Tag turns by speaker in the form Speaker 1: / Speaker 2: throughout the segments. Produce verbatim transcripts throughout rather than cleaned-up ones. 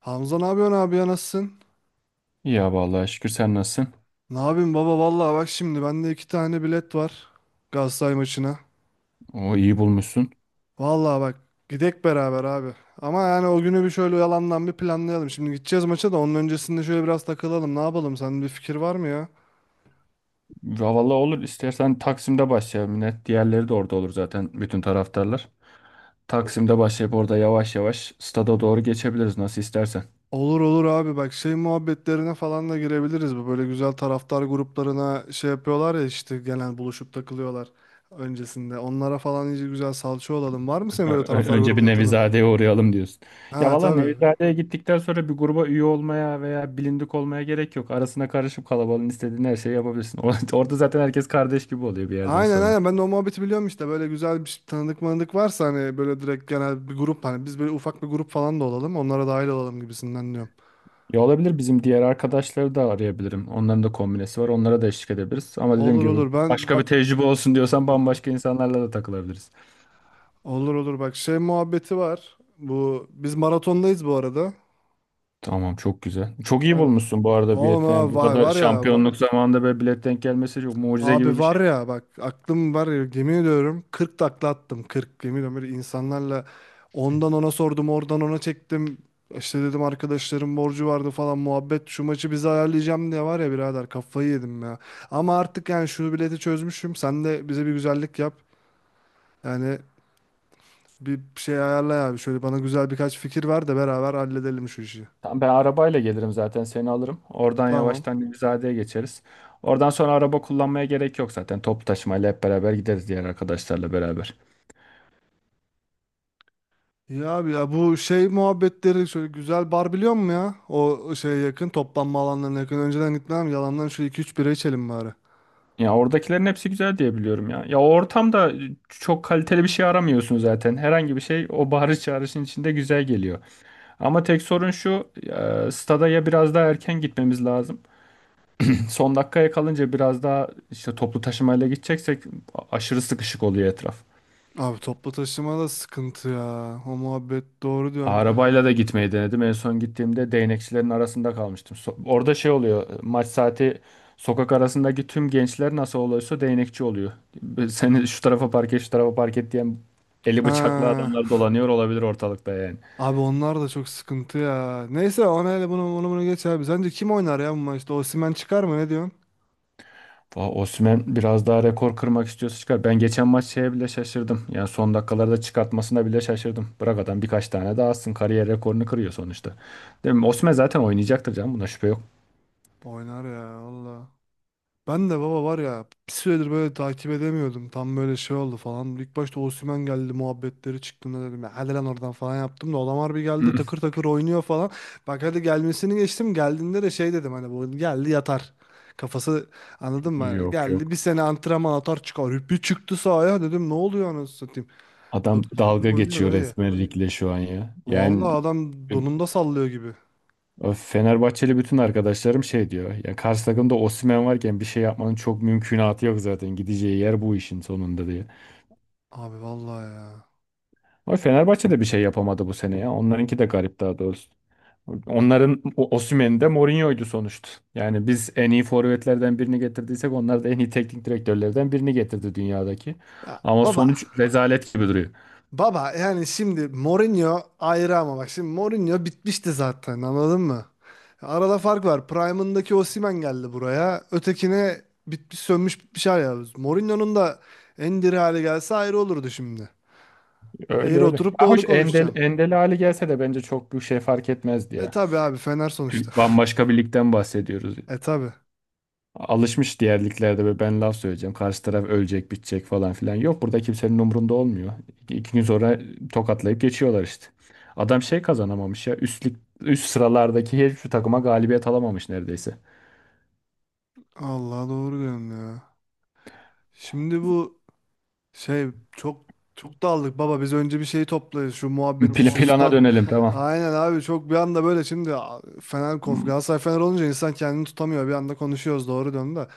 Speaker 1: Hamza ne yapıyorsun abi ya nasılsın?
Speaker 2: Ya vallahi şükür sen nasılsın?
Speaker 1: Ne yapayım baba, vallahi bak şimdi bende iki tane bilet var, Galatasaray maçına.
Speaker 2: O iyi bulmuşsun.
Speaker 1: Vallahi bak, gidek beraber abi. Ama yani o günü bir şöyle yalandan bir planlayalım. Şimdi gideceğiz maça da onun öncesinde şöyle biraz takılalım. Ne yapalım? Senin bir fikir var mı ya?
Speaker 2: Ya vallahi olur istersen Taksim'de başlayalım. Yine diğerleri de orada olur zaten bütün taraftarlar. Taksim'de başlayıp orada yavaş yavaş stada doğru geçebiliriz nasıl istersen.
Speaker 1: Olur olur abi, bak, şey muhabbetlerine falan da girebiliriz. Bu böyle güzel taraftar gruplarına şey yapıyorlar ya, işte gelen buluşup takılıyorlar öncesinde. Onlara falan iyice güzel salça olalım. Var mı senin
Speaker 2: Ö-
Speaker 1: böyle
Speaker 2: ö-
Speaker 1: taraftar
Speaker 2: Önce bir
Speaker 1: grubunda tanıdığın?
Speaker 2: Nevizade'ye uğrayalım diyorsun. Ya
Speaker 1: Ha,
Speaker 2: valla
Speaker 1: tabii.
Speaker 2: Nevizade'ye gittikten sonra bir gruba üye olmaya veya bilindik olmaya gerek yok. Arasına karışıp kalabalığın istediğin her şeyi yapabilirsin. Orada zaten herkes kardeş gibi oluyor bir yerden
Speaker 1: Aynen
Speaker 2: sonra.
Speaker 1: aynen, ben de o muhabbeti biliyorum, işte böyle güzel bir tanıdık manıdık varsa, hani böyle direkt genel bir grup, hani biz böyle ufak bir grup falan da olalım, onlara dahil olalım gibisinden diyorum.
Speaker 2: Ya olabilir bizim diğer arkadaşları da arayabilirim. Onların da kombinesi var. Onlara da eşlik edebiliriz. Ama dediğim
Speaker 1: Olur
Speaker 2: gibi
Speaker 1: olur, ben
Speaker 2: başka bir
Speaker 1: bak
Speaker 2: tecrübe olsun diyorsan bambaşka insanlarla da takılabiliriz.
Speaker 1: olur olur bak, şey muhabbeti var bu, biz maratondayız bu arada.
Speaker 2: Tamam çok güzel. Çok iyi
Speaker 1: Ha.
Speaker 2: bulmuşsun bu arada
Speaker 1: Oğlum,
Speaker 2: bileti. Yani
Speaker 1: ha,
Speaker 2: bu
Speaker 1: vay
Speaker 2: kadar
Speaker 1: var ya,
Speaker 2: şampiyonluk zamanında böyle bilet denk gelmesi çok mucize gibi
Speaker 1: abi
Speaker 2: bir şey.
Speaker 1: var ya, bak, aklım var ya, yemin ediyorum kırk takla attım, kırk, yemin ediyorum böyle insanlarla ondan ona sordum, oradan ona çektim, işte dedim arkadaşlarım borcu vardı falan muhabbet, şu maçı bize ayarlayacağım diye, var ya birader kafayı yedim ya, ama artık yani şu bileti çözmüşüm, sen de bize bir güzellik yap yani, bir şey ayarla abi, şöyle bana güzel birkaç fikir ver de beraber halledelim şu işi.
Speaker 2: Tamam ben arabayla gelirim zaten seni alırım. Oradan
Speaker 1: Tamam.
Speaker 2: yavaştan Nevizade'ye geçeriz. Oradan sonra araba kullanmaya gerek yok zaten. Toplu taşımayla hep beraber gideriz diğer arkadaşlarla beraber.
Speaker 1: Ya abi ya, bu şey muhabbetleri şöyle güzel bar, biliyor musun ya? O şeye yakın, toplanma alanlarına yakın. Önceden gitmem yalandan şu iki üç bira içelim bari.
Speaker 2: Ya oradakilerin hepsi güzel diye biliyorum ya. Ya o ortamda çok kaliteli bir şey aramıyorsun zaten. Herhangi bir şey o bağırış çağrışın içinde güzel geliyor. Ama tek sorun şu, e, stada ya biraz daha erken gitmemiz lazım. Son dakikaya kalınca biraz daha işte toplu taşımayla gideceksek a- aşırı sıkışık oluyor etraf.
Speaker 1: Abi toplu taşıma da sıkıntı ya. O muhabbet, doğru diyorsun.
Speaker 2: Arabayla da gitmeyi denedim. En son gittiğimde değnekçilerin arasında kalmıştım. So- orada şey oluyor. Maç saati sokak arasındaki tüm gençler nasıl oluyorsa değnekçi oluyor. Seni şu tarafa park et, şu tarafa park et diyen eli bıçaklı
Speaker 1: Ha.
Speaker 2: adamlar dolanıyor olabilir ortalıkta yani.
Speaker 1: Abi onlar da çok sıkıntı ya. Neyse, ona hele, bunu bunu bunu geç abi. Sence kim oynar ya bu maçta? Osimhen çıkar mı, ne diyorsun?
Speaker 2: Va- Osimhen biraz daha rekor kırmak istiyorsa çıkar. Ben geçen maç şeye bile şaşırdım. Yani son dakikalarda çıkartmasına bile şaşırdım. Bırak adam birkaç tane daha atsın. Kariyer rekorunu kırıyor sonuçta. Değil mi? Osimhen zaten oynayacaktır canım. Buna şüphe yok.
Speaker 1: Oynar ya valla. Ben de baba, var ya bir süredir böyle takip edemiyordum. Tam böyle şey oldu falan. İlk başta Osimhen geldi muhabbetleri çıktığında dedim ya hadi lan oradan falan yaptım da, adam bir geldi, takır takır oynuyor falan. Bak, hadi gelmesini geçtim, geldiğinde de şey dedim, hani bu geldi yatar. Kafası, anladın mı?
Speaker 2: Yok
Speaker 1: Geldi bir
Speaker 2: yok.
Speaker 1: sene antrenman atar çıkar. Bir çıktı sahaya, dedim ne oluyor anasını satayım.
Speaker 2: Adam
Speaker 1: Takır takır
Speaker 2: dalga
Speaker 1: oynuyor
Speaker 2: geçiyor
Speaker 1: dayı.
Speaker 2: resmen ligle şu an ya.
Speaker 1: Vallahi
Speaker 2: Yani
Speaker 1: adam
Speaker 2: e,
Speaker 1: donunda sallıyor gibi.
Speaker 2: Fenerbahçeli bütün arkadaşlarım şey diyor. Ya karşı takımda Osimhen varken bir şey yapmanın çok mümkünatı yok zaten. Gideceği yer bu işin sonunda diye.
Speaker 1: Abi vallahi ya.
Speaker 2: Ama Fenerbahçe de bir şey yapamadı bu sene ya. Onlarınki de garip daha doğrusu. Onların o- Osimhen de Mourinho'ydu sonuçta. Yani biz en iyi forvetlerden birini getirdiysek onlar da en iyi teknik direktörlerden birini getirdi dünyadaki.
Speaker 1: Ya
Speaker 2: Ama
Speaker 1: baba,
Speaker 2: sonuç rezalet gibi duruyor.
Speaker 1: baba yani şimdi Mourinho ayrı, ama bak şimdi Mourinho bitmişti zaten, anladın mı? Arada fark var. Prime'ındaki Osimhen geldi buraya. Ötekine bitmiş sönmüş bitmiş hal ya. Mourinho'nun da en diri hali gelse ayrı olurdu şimdi.
Speaker 2: Öyle
Speaker 1: Eğri
Speaker 2: öyle.
Speaker 1: oturup
Speaker 2: Ya
Speaker 1: doğru
Speaker 2: hoş Endel,
Speaker 1: konuşacaksın.
Speaker 2: Endel hali gelse de bence çok bir şey fark etmezdi
Speaker 1: E
Speaker 2: ya.
Speaker 1: tabi abi, Fener sonuçta.
Speaker 2: Türk- Bambaşka bir ligden bahsediyoruz.
Speaker 1: E tabi.
Speaker 2: Alışmış diğer liglerde ve ben laf söyleyeceğim. Karşı taraf ölecek, bitecek falan filan. Yok burada kimsenin umurunda olmuyor. İki, iki gün sonra tokatlayıp geçiyorlar işte. Adam şey kazanamamış ya. Üst lig, üst sıralardaki hiçbir takıma galibiyet alamamış neredeyse.
Speaker 1: Allah, doğru diyorsun ya. Şimdi bu şey, çok çok daldık baba, biz önce bir şeyi toplayız, şu muhabbeti,
Speaker 2: Pla-
Speaker 1: şu
Speaker 2: plana
Speaker 1: stat.
Speaker 2: dönelim tamam.
Speaker 1: Aynen abi, çok bir anda böyle şimdi a- Fener konf
Speaker 2: Hmm,
Speaker 1: Galatasaray Fener olunca insan kendini tutamıyor, bir anda konuşuyoruz, doğru döndü.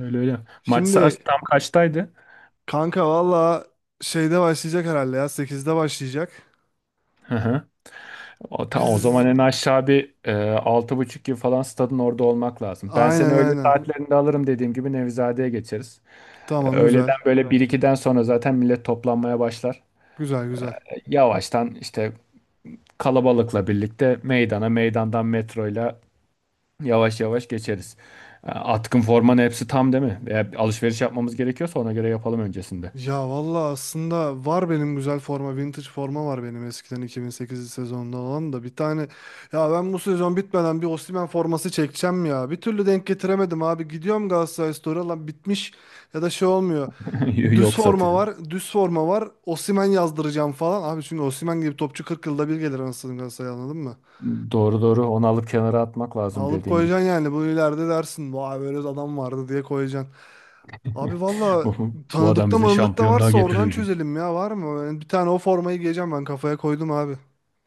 Speaker 2: Öyle öyle. Maç saat
Speaker 1: Şimdi
Speaker 2: tam kaçtaydı?
Speaker 1: kanka, valla, şeyde başlayacak herhalde ya, sekizde başlayacak.
Speaker 2: Hı hı. O,
Speaker 1: Biz,
Speaker 2: tamam o zaman en aşağı bir e, altı buçuk gibi falan stadın orada olmak lazım. Ben seni
Speaker 1: aynen
Speaker 2: öğle
Speaker 1: aynen,
Speaker 2: saatlerinde alırım dediğim gibi Nevizade'ye geçeriz. E,
Speaker 1: tamam, güzel,
Speaker 2: öğleden böyle bir 1-2'den sonra zaten millet toplanmaya başlar.
Speaker 1: güzel güzel.
Speaker 2: E, yavaştan işte kalabalıkla birlikte meydana meydandan metroyla yavaş yavaş geçeriz. E, atkın formanın hepsi tam değil mi? Veya bir alışveriş yapmamız gerekiyorsa ona göre yapalım öncesinde.
Speaker 1: Ya valla, aslında var benim güzel forma, vintage forma var benim eskiden, iki bin sekiz sezonunda olan da bir tane. Ya ben bu sezon bitmeden bir Osimhen forması çekeceğim ya. Bir türlü denk getiremedim abi. Gidiyorum Galatasaray Store'a, lan bitmiş ya da şey olmuyor. Düz
Speaker 2: Yok
Speaker 1: forma
Speaker 2: satıyor.
Speaker 1: var, düz forma var. Osimhen yazdıracağım falan. Abi çünkü Osimhen gibi topçu kırk yılda bir gelir, anasını Galatasaray, anladın mı?
Speaker 2: Doğru doğru onu alıp kenara atmak lazım
Speaker 1: Alıp
Speaker 2: dediğin gibi.
Speaker 1: koyacaksın yani bu, ileride dersin vay böyle adam vardı diye koyacaksın. Abi valla,
Speaker 2: Bu, bu adam
Speaker 1: tanıdıkta
Speaker 2: bizi
Speaker 1: manıdıkta
Speaker 2: şampiyonluğa
Speaker 1: varsa oradan
Speaker 2: getirirdi.
Speaker 1: çözelim ya, var mı? Yani bir tane o formayı giyeceğim, ben kafaya koydum abi.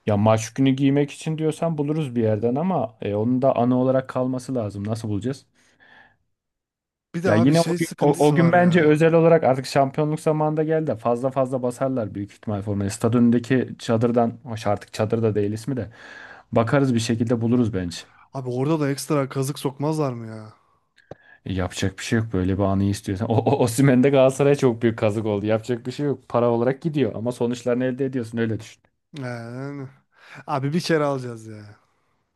Speaker 2: Ya maç günü giymek için diyorsan buluruz bir yerden ama e, onun da ana olarak kalması lazım. Nasıl bulacağız?
Speaker 1: Bir de
Speaker 2: Ya
Speaker 1: abi
Speaker 2: yine o
Speaker 1: şey
Speaker 2: gün, o, o
Speaker 1: sıkıntısı
Speaker 2: gün
Speaker 1: var
Speaker 2: bence
Speaker 1: ya.
Speaker 2: özel olarak artık şampiyonluk zamanında geldi de fazla fazla basarlar büyük ihtimal formayı. Stad önündeki çadırdan, hoş artık çadır da değil ismi de bakarız bir şekilde buluruz bence.
Speaker 1: Abi orada da ekstra kazık sokmazlar mı ya?
Speaker 2: E, yapacak bir şey yok böyle bir anı istiyorsan. O, o Osimhen de Galatasaray'a çok büyük kazık oldu. Yapacak bir şey yok. Para olarak gidiyor ama sonuçlarını elde ediyorsun öyle düşün.
Speaker 1: Ee, Yani. Abi bir kere alacağız ya.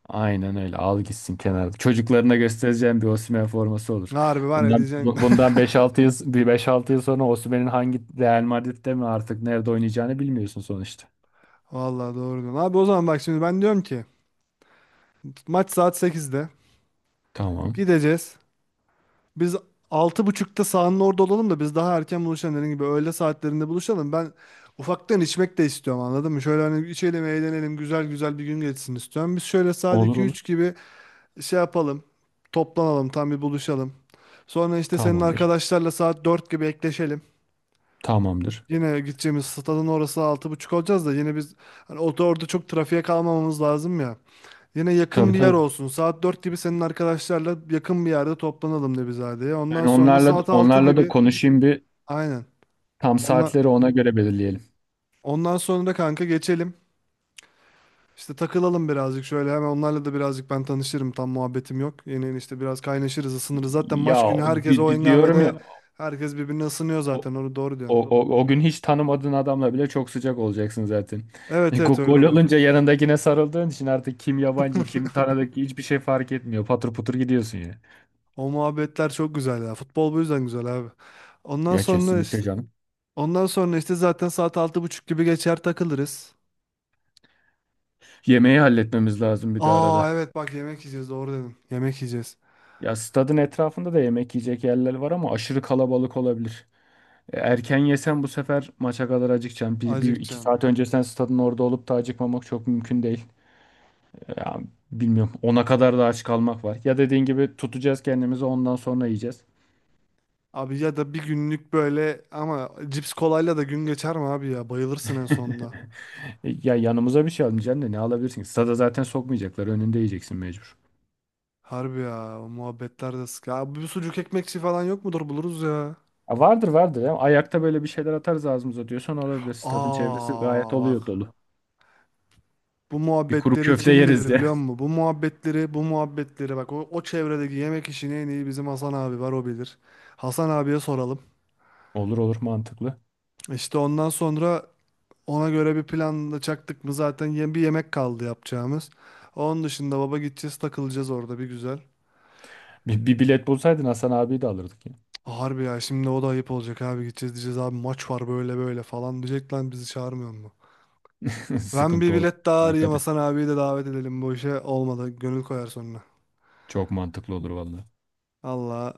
Speaker 2: Aynen öyle. Al gitsin kenarda. Çocuklarına göstereceğim bir Osimhen forması olur.
Speaker 1: Harbi, var ya
Speaker 2: Bundan
Speaker 1: diyeceksin.
Speaker 2: bu- bundan beş altı yıl bir beş altı yıl sonra Osimhen'in hangi Real Madrid'de mi artık nerede oynayacağını bilmiyorsun sonuçta.
Speaker 1: Valla, doğru diyorsun. Abi o zaman bak şimdi ben diyorum ki, maç saat sekizde
Speaker 2: Tamam.
Speaker 1: gideceğiz. Biz altı buçukta sahanın orada olalım da, biz daha erken buluşalım, dediğim gibi öğle saatlerinde buluşalım. Ben ufaktan içmek de istiyorum, anladın mı? Şöyle hani içelim eğlenelim, güzel güzel bir gün geçsin istiyorum. Biz şöyle saat
Speaker 2: Olur
Speaker 1: iki
Speaker 2: olur.
Speaker 1: üç gibi şey yapalım, toplanalım, tam bir buluşalım. Sonra işte senin
Speaker 2: Tamamdır.
Speaker 1: arkadaşlarla saat dört gibi ekleşelim.
Speaker 2: Tamamdır.
Speaker 1: Yine gideceğimiz stadın orası altı buçuk olacağız da, yine biz hani orada, orada çok trafiğe kalmamamız lazım ya. Yine yakın
Speaker 2: Tabii
Speaker 1: bir yer
Speaker 2: tabii.
Speaker 1: olsun. Saat dört gibi senin arkadaşlarla yakın bir yerde toplanalım, Nebizade'ye.
Speaker 2: Ben
Speaker 1: Ondan sonra
Speaker 2: onlarla
Speaker 1: saat altı
Speaker 2: onlarla da
Speaker 1: gibi,
Speaker 2: konuşayım bir
Speaker 1: aynen.
Speaker 2: tam
Speaker 1: Ondan,
Speaker 2: saatleri ona göre belirleyelim.
Speaker 1: ondan sonra da kanka geçelim. İşte takılalım birazcık şöyle, hemen onlarla da birazcık ben tanışırım, tam muhabbetim yok. Yeni işte biraz kaynaşırız ısınırız. Zaten
Speaker 2: Ya
Speaker 1: maç günü herkes
Speaker 2: di-
Speaker 1: o
Speaker 2: di- diyorum ya
Speaker 1: hengamede herkes birbirine ısınıyor
Speaker 2: o,
Speaker 1: zaten, onu doğru diyorsun.
Speaker 2: O, o, o gün hiç tanımadığın adamla bile çok sıcak olacaksın zaten. E,
Speaker 1: Evet evet
Speaker 2: go-
Speaker 1: öyle
Speaker 2: gol
Speaker 1: oluyor.
Speaker 2: olunca yanındakine sarıldığın için artık kim yabancı kim tanıdık hiçbir şey fark etmiyor. Patır putur gidiyorsun ya.
Speaker 1: O muhabbetler çok güzel ya. Futbol bu yüzden güzel abi. Ondan
Speaker 2: Ya
Speaker 1: sonra
Speaker 2: kesinlikle
Speaker 1: işte,
Speaker 2: canım.
Speaker 1: ondan sonra işte zaten saat altı buçuk gibi geçer takılırız.
Speaker 2: Yemeği halletmemiz lazım bir de
Speaker 1: Aa
Speaker 2: arada.
Speaker 1: evet bak yemek yiyeceğiz, doğru dedin. Yemek yiyeceğiz.
Speaker 2: Ya stadın etrafında da yemek yiyecek yerler var ama aşırı kalabalık olabilir. E, Erken yesen bu sefer maça kadar acıkacaksın. Bir, bir iki
Speaker 1: Acıkacaksın.
Speaker 2: saat öncesinden stadın orada olup da acıkmamak çok mümkün değil. E, Ya, Bilmiyorum. Ona kadar da aç kalmak var. Ya dediğin gibi tutacağız kendimizi ondan sonra yiyeceğiz.
Speaker 1: Abi ya da bir günlük böyle ama cips kolayla da gün geçer mi abi ya? Bayılırsın en sonunda.
Speaker 2: E, Ya yanımıza bir şey almayacaksın da ne alabilirsin? Ki? Stada zaten sokmayacaklar. Önünde yiyeceksin mecbur.
Speaker 1: Harbi ya, o muhabbetler de sık. Ya bir sucuk ekmekçi falan yok mudur, buluruz ya.
Speaker 2: Ya vardır vardır. Ya. Ayakta böyle bir şeyler atarız ağzımıza diyorsan olabilir. Stadın çevresi gayet
Speaker 1: Aa bak.
Speaker 2: oluyor dolu.
Speaker 1: Bu
Speaker 2: Bir kuru
Speaker 1: muhabbetleri
Speaker 2: köfte
Speaker 1: kim
Speaker 2: yeriz
Speaker 1: bilir
Speaker 2: ya.
Speaker 1: biliyor musun? Bu muhabbetleri bu muhabbetleri bak, o, o çevredeki yemek işini en iyi bizim Hasan abi var, o bilir. Hasan abiye soralım.
Speaker 2: Olur olur mantıklı.
Speaker 1: İşte ondan sonra ona göre bir planla çaktık mı zaten, yem bir yemek kaldı yapacağımız. Onun dışında baba gideceğiz, takılacağız orada bir güzel.
Speaker 2: Bir, bir bilet bulsaydın Hasan abiyi de alırdık ya.
Speaker 1: Harbi ya şimdi o da ayıp olacak abi, gideceğiz diyeceğiz abi maç var böyle böyle falan, diyecek lan bizi çağırmıyor mu? Ben bir
Speaker 2: Sıkıntı olur.
Speaker 1: bilet daha arayayım,
Speaker 2: Dikkat et.
Speaker 1: Hasan abiyi de davet edelim bu işe, olmadı gönül koyar sonra.
Speaker 2: Çok mantıklı olur vallahi.
Speaker 1: Allah,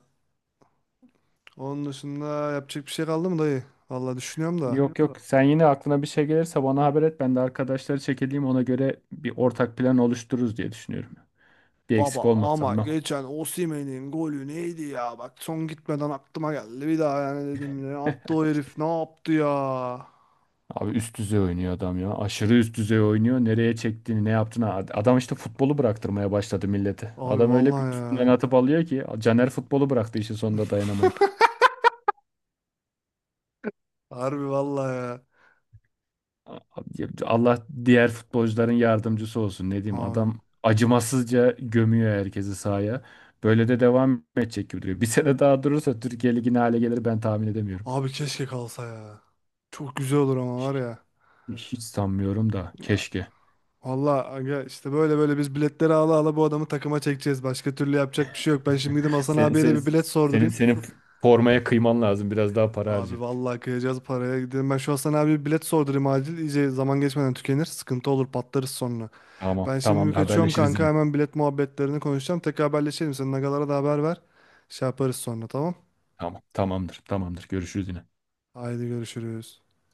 Speaker 1: onun dışında yapacak bir şey kaldı mı dayı? Valla düşünüyorum da.
Speaker 2: Yok yok sen yine aklına bir şey gelirse bana haber et. Ben de arkadaşları çekileyim ona göre bir ortak plan oluştururuz diye düşünüyorum. Bir
Speaker 1: Baba
Speaker 2: eksik
Speaker 1: ama
Speaker 2: olmazsam ben.
Speaker 1: geçen Osimhen'in golü neydi ya? Bak son gitmeden aklıma geldi bir daha, yani dedim ne yaptı o herif, ne yaptı ya?
Speaker 2: Abi üst düzey oynuyor adam ya. Aşırı üst düzey oynuyor. Nereye çektiğini, ne yaptığını. ad- Adam işte futbolu bıraktırmaya başladı millete.
Speaker 1: Abi
Speaker 2: Adam öyle bir
Speaker 1: vallahi
Speaker 2: üstünden
Speaker 1: ya.
Speaker 2: atıp alıyor ki. Caner futbolu bıraktı işin sonunda dayanamayıp.
Speaker 1: Harbi vallahi ya.
Speaker 2: A- Allah diğer futbolcuların yardımcısı olsun. Ne diyeyim
Speaker 1: Abi,
Speaker 2: adam acımasızca gömüyor herkesi sahaya. Böyle de devam edecek gibi duruyor. Bir sene daha durursa Türkiye ligine hale gelir ben tahmin edemiyorum.
Speaker 1: abi keşke kalsa ya. Çok güzel olur ama var
Speaker 2: Hiç,
Speaker 1: ya.
Speaker 2: hiç sanmıyorum da
Speaker 1: Ya,
Speaker 2: keşke.
Speaker 1: vallahi aga, işte böyle böyle biz biletleri ala ala bu adamı takıma çekeceğiz. Başka türlü yapacak bir şey yok. Ben şimdi gidip Hasan
Speaker 2: Senin,
Speaker 1: abiye de
Speaker 2: senin,
Speaker 1: bir bilet
Speaker 2: senin,
Speaker 1: sordurayım.
Speaker 2: senin formaya kıyman lazım. Biraz daha para harca.
Speaker 1: Abi vallahi kıyacağız paraya. Gidelim, ben şu Hasan abiye bir bilet sordurayım acil. İyice zaman geçmeden tükenir. Sıkıntı olur, patlarız sonra.
Speaker 2: Tamam,
Speaker 1: Ben şimdi bir
Speaker 2: tamamdır.
Speaker 1: kaçıyorum
Speaker 2: Haberleşiriz
Speaker 1: kanka,
Speaker 2: yine.
Speaker 1: hemen bilet muhabbetlerini konuşacağım. Tekrar haberleşelim. Sen agalara da haber ver. Şey yaparız sonra, tamam.
Speaker 2: Tamam, tamamdır, tamamdır. Görüşürüz yine.
Speaker 1: Haydi görüşürüz.